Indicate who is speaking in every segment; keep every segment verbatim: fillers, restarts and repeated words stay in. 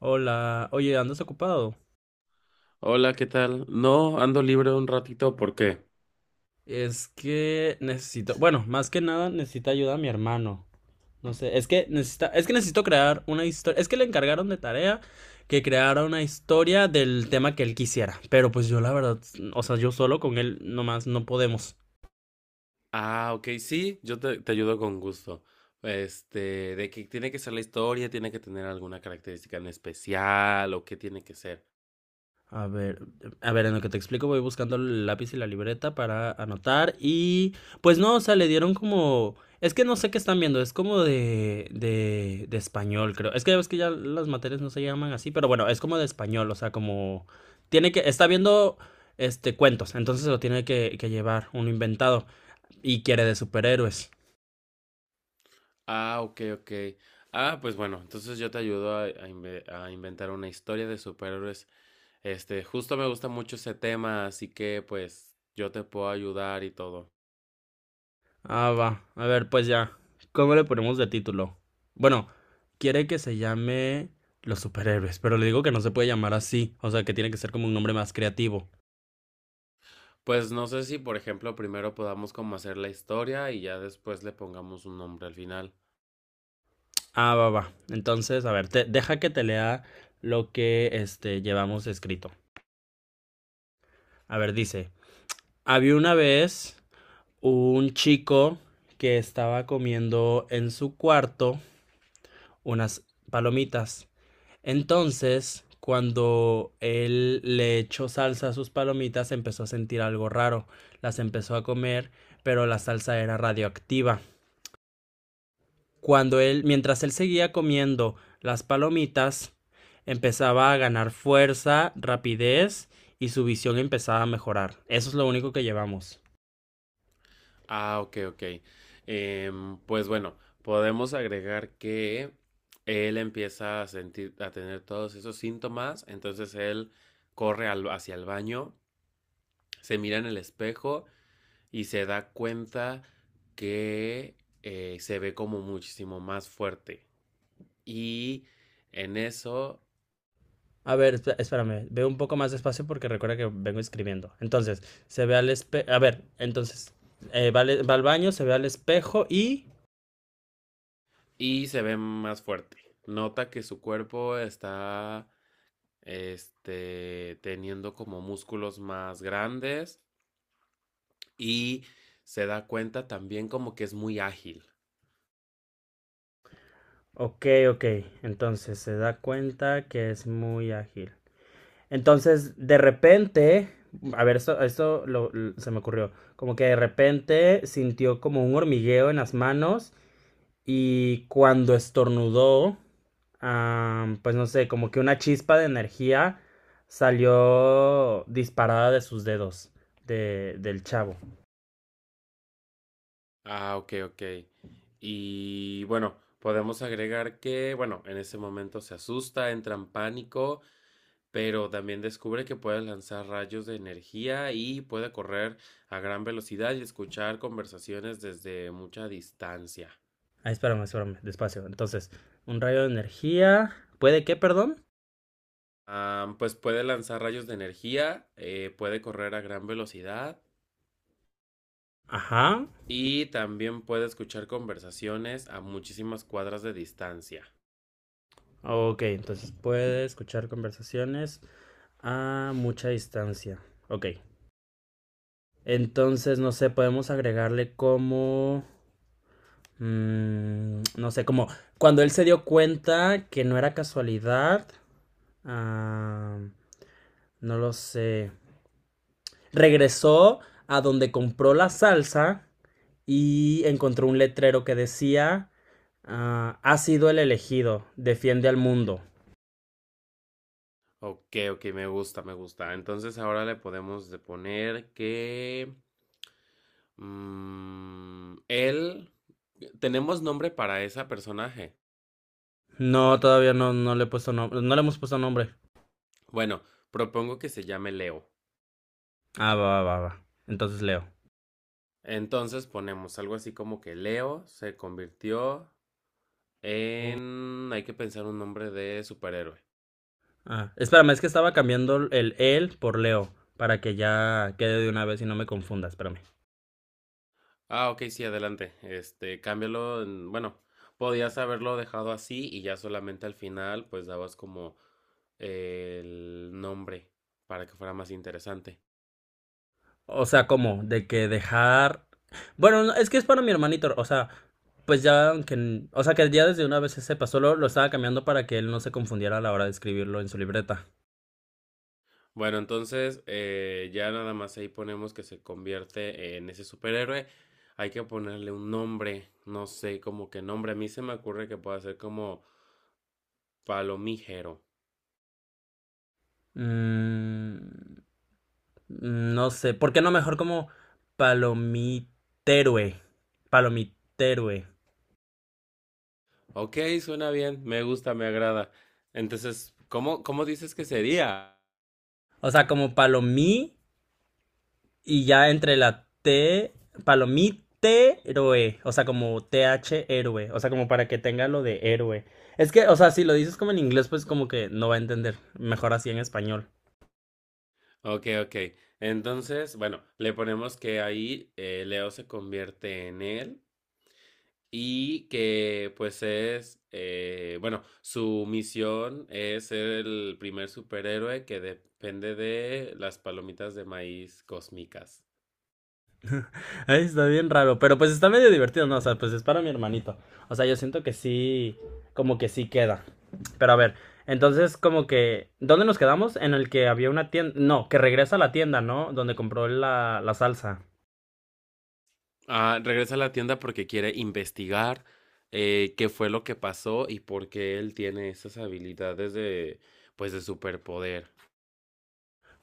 Speaker 1: Hola, oye, ¿andas ocupado?
Speaker 2: Hola, ¿qué tal? No, ando libre un ratito, ¿por qué?
Speaker 1: Es que necesito, bueno, más que nada necesita ayuda a mi hermano. No sé, es que necesita, es que necesito crear una historia, es que le encargaron de tarea que creara una historia del tema que él quisiera, pero pues yo la verdad, o sea, yo solo con él nomás no podemos.
Speaker 2: Ah, ok, sí, yo te, te ayudo con gusto. Este, de que tiene que ser la historia, tiene que tener alguna característica en especial o qué tiene que ser.
Speaker 1: A ver, a ver, en lo que te explico voy buscando el lápiz y la libreta para anotar y pues no, o sea, le dieron como, es que no sé qué están viendo, es como de, de, de español, creo. Es que ya ves que ya las materias no se llaman así, pero bueno, es como de español, o sea, como tiene que, está viendo este cuentos, entonces lo tiene que, que llevar uno inventado y quiere de superhéroes.
Speaker 2: Ah, ok, ok. Ah, pues bueno, entonces yo te ayudo a, a inve- a inventar una historia de superhéroes. Este, justo me gusta mucho ese tema, así que pues yo te puedo ayudar y todo.
Speaker 1: Ah, va. A ver, pues ya. ¿Cómo le ponemos de título? Bueno, quiere que se llame Los Superhéroes, pero le digo que no se puede llamar así. O sea, que tiene que ser como un nombre más creativo.
Speaker 2: Pues no sé si, por ejemplo, primero podamos como hacer la historia y ya después le pongamos un nombre al final.
Speaker 1: Ah, va, va. Entonces, a ver, te- deja que te lea lo que este, llevamos escrito. A ver, dice, había una vez un chico que estaba comiendo en su cuarto unas palomitas. Entonces, cuando él le echó salsa a sus palomitas, empezó a sentir algo raro. Las empezó a comer, pero la salsa era radioactiva. Cuando él, mientras él seguía comiendo las palomitas, empezaba a ganar fuerza, rapidez y su visión empezaba a mejorar. Eso es lo único que llevamos.
Speaker 2: Ah, ok, ok. Em, pues bueno, podemos agregar que él empieza a sentir, a tener todos esos síntomas, entonces él corre al- hacia el baño, se mira en el espejo y se da cuenta que eh, se ve como muchísimo más fuerte. Y en eso,
Speaker 1: A ver, espérame, veo un poco más despacio porque recuerda que vengo escribiendo. Entonces, se ve al espejo. A ver, entonces, eh, va, va al baño, se ve al espejo y.
Speaker 2: y se ve más fuerte. Nota que su cuerpo está, este, teniendo como músculos más grandes y se da cuenta también como que es muy ágil.
Speaker 1: Ok, ok. Entonces se da cuenta que es muy ágil. Entonces, de repente, a ver, esto, esto lo- l- se me ocurrió. Como que de repente sintió como un hormigueo en las manos y cuando estornudó, am, pues no sé, como que una chispa de energía salió disparada de sus dedos, de, del chavo.
Speaker 2: Ah, ok, ok. Y bueno, podemos agregar que, bueno, en ese momento se asusta, entra en pánico, pero también descubre que puede lanzar rayos de energía y puede correr a gran velocidad y escuchar conversaciones desde mucha distancia.
Speaker 1: Ah, espérame, espérame, despacio. Entonces, un rayo de energía. ¿Puede qué, perdón?
Speaker 2: Ah, pues puede lanzar rayos de energía, eh, puede correr a gran velocidad
Speaker 1: Ajá.
Speaker 2: y también puede escuchar conversaciones a muchísimas cuadras de distancia.
Speaker 1: Ok, entonces puede escuchar conversaciones a mucha distancia. Ok. Entonces, no sé, podemos agregarle como, mm, no sé, como cuando él se dio cuenta que no era casualidad. Ah, no lo sé. Regresó a donde compró la salsa y encontró un letrero que decía, ah, ha sido el elegido, defiende al mundo.
Speaker 2: Ok, ok, me gusta, me gusta. Entonces ahora le podemos de poner que... mm, él... ¿Tenemos nombre para ese personaje?
Speaker 1: No, todavía no, no le he puesto nom- no le hemos puesto nombre.
Speaker 2: Bueno, propongo que se llame Leo.
Speaker 1: Ah, va, va, va, va. Entonces Leo.
Speaker 2: Entonces ponemos algo así como que Leo se convirtió en... Hay que pensar un nombre de superhéroe.
Speaker 1: Ah, espérame, es que estaba cambiando el él por Leo para que ya quede de una vez y no me confunda, espérame.
Speaker 2: Ah, ok, sí, adelante. Este, cámbialo en- bueno, podías haberlo dejado así y ya solamente al final pues dabas como el nombre para que fuera más interesante.
Speaker 1: O sea, ¿cómo? De que dejar. Bueno, no, es que es para mi hermanito, o sea, pues ya aunque. O sea, que ya desde una vez se sepa, solo lo estaba cambiando para que él no se confundiera a la hora de escribirlo en su libreta.
Speaker 2: Bueno, entonces eh, ya nada más ahí ponemos que se convierte en ese superhéroe. Hay que ponerle un nombre, no sé, como que nombre. A mí se me ocurre que pueda ser como Palomígero.
Speaker 1: Mm, no sé, ¿por qué no mejor como palomiterue? Palomiterue.
Speaker 2: Ok, suena bien, me gusta, me agrada. Entonces, ¿cómo, cómo dices que sería?
Speaker 1: O sea, como palomí. Y ya entre la T, palomite héroe, o sea, como T H héroe, o sea, como para que tenga lo de héroe. Es que, o sea, si lo dices como en inglés, pues como que no va a entender. Mejor así en español.
Speaker 2: Ok, ok. Entonces, bueno, le ponemos que ahí eh, Leo se convierte en él y que pues es, eh, bueno, su misión es ser el primer superhéroe que depende de las palomitas de maíz cósmicas.
Speaker 1: Ay, está bien raro, pero pues está medio divertido, ¿no? O sea, pues es para mi hermanito. O sea, yo siento que sí, como que sí queda. Pero a ver, entonces como que, ¿dónde nos quedamos? En el que había una tienda, no, que regresa a la tienda, ¿no? Donde compró la, la salsa.
Speaker 2: Ah, regresa a la tienda porque quiere investigar eh, qué fue lo que pasó y por qué él tiene esas habilidades de, pues, de superpoder.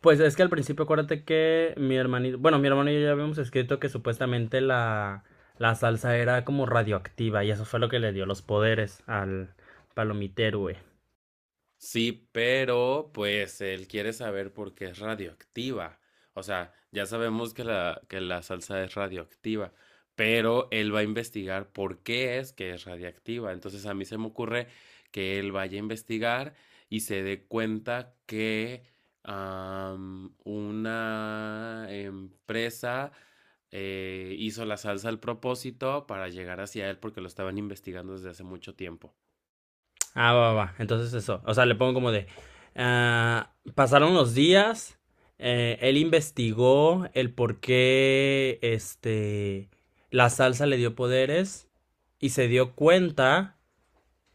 Speaker 1: Pues es que al principio acuérdate que mi hermanito, bueno, mi hermano y yo ya habíamos escrito que supuestamente la, la salsa era como radioactiva y eso fue lo que le dio los poderes al palomitero, güey.
Speaker 2: Sí, pero pues él quiere saber por qué es radioactiva. O sea, ya sabemos que la, que la salsa es radioactiva, pero él va a investigar por qué es que es radioactiva. Entonces a mí se me ocurre que él vaya a investigar y se dé cuenta que am, una empresa eh, hizo la salsa al propósito para llegar hacia él porque lo estaban investigando desde hace mucho tiempo.
Speaker 1: Ah, va, va, va. Entonces eso, o sea, le pongo como de, ah, pasaron los días, eh, él investigó el por qué, este, la salsa le dio poderes y se dio cuenta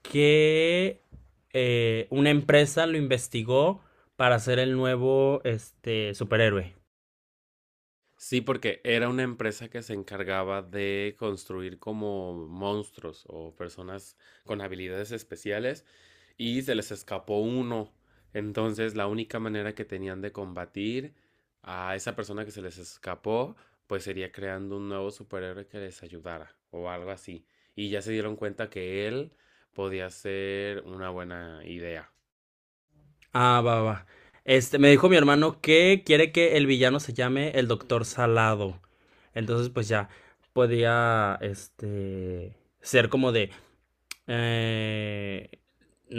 Speaker 1: que eh, una empresa lo investigó para ser el nuevo este superhéroe.
Speaker 2: Sí, porque era una empresa que se encargaba de construir como monstruos o personas con habilidades especiales y se les escapó uno. Entonces, la única manera que tenían de combatir a esa persona que se les escapó, pues sería creando un nuevo superhéroe que les ayudara o algo así. Y ya se dieron cuenta que él podía ser una buena idea.
Speaker 1: Ah, va, va. Va. Este, me dijo mi hermano que quiere que el villano se llame el Doctor Salado. Entonces, pues ya podía este ser como de. Eh,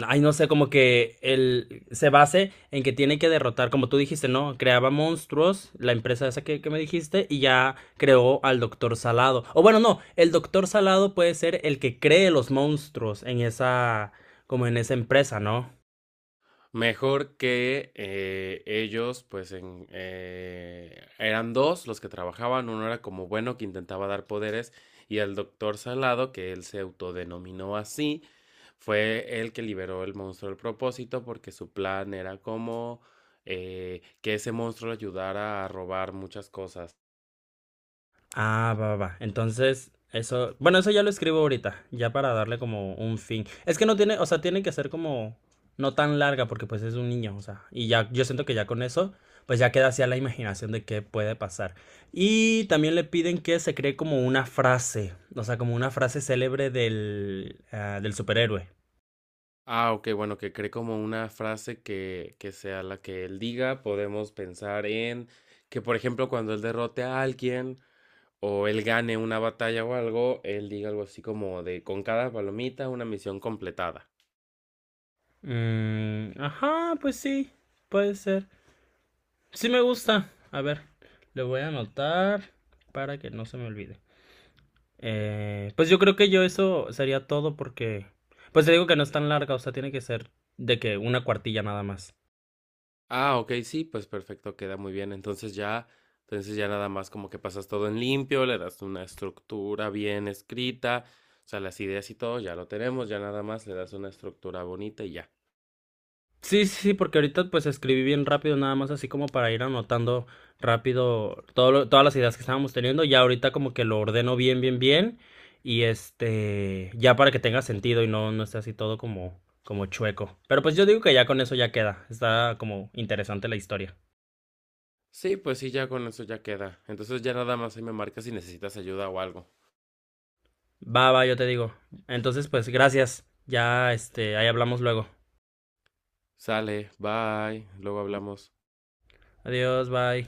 Speaker 1: ay, no sé, como que él se base en que tiene que derrotar, como tú dijiste, ¿no? Creaba monstruos, la empresa esa que, que me dijiste, y ya creó al Doctor Salado. O bueno, no, el Doctor Salado puede ser el que cree los monstruos en esa, como en esa empresa, ¿no?
Speaker 2: Mejor que eh, ellos, pues en, eh, eran dos los que trabajaban, uno era como bueno que intentaba dar poderes y el doctor Salado, que él se autodenominó así, fue el que liberó el monstruo del propósito porque su plan era como eh, que ese monstruo le ayudara a robar muchas cosas.
Speaker 1: Ah, va, va. Va. Entonces, eso, bueno, eso ya lo escribo ahorita, ya para darle como un fin. Es que no tiene, o sea, tiene que ser como no tan larga porque pues es un niño, o sea, y ya yo siento que ya con eso pues ya queda así a la imaginación de qué puede pasar. Y también le piden que se cree como una frase, o sea, como una frase célebre del ah, del superhéroe.
Speaker 2: Ah, ok, bueno, que cree como una frase que, que sea la que él diga, podemos pensar en que, por ejemplo, cuando él derrote a alguien, o él gane una batalla o algo, él diga algo así como de con cada palomita una misión completada.
Speaker 1: Mm, ajá, pues sí, puede ser. Sí me gusta. A ver, le voy a anotar para que no se me olvide. Eh, pues yo creo que yo eso sería todo porque, pues te digo que no es tan larga, o sea, tiene que ser de que una cuartilla nada más.
Speaker 2: Ah, ok, sí, pues perfecto, queda muy bien. Entonces ya, entonces ya nada más como que pasas todo en limpio, le das una estructura bien escrita, o sea, las ideas y todo, ya lo tenemos, ya nada más le das una estructura bonita y ya.
Speaker 1: Sí, sí, sí, porque ahorita pues escribí bien rápido nada más así como para ir anotando rápido todo lo- todas las ideas que estábamos teniendo. Ya ahorita como que lo ordeno bien, bien, bien y este, ya para que tenga sentido y no, no esté así todo como, como chueco. Pero pues yo digo que ya con eso ya queda. Está como interesante la historia.
Speaker 2: Sí, pues sí, ya con eso ya queda. Entonces ya nada más ahí me marcas si necesitas ayuda o algo.
Speaker 1: Va, va, yo te digo. Entonces pues gracias. Ya, este, ahí hablamos luego.
Speaker 2: Sale, bye, luego hablamos.
Speaker 1: Adiós, bye.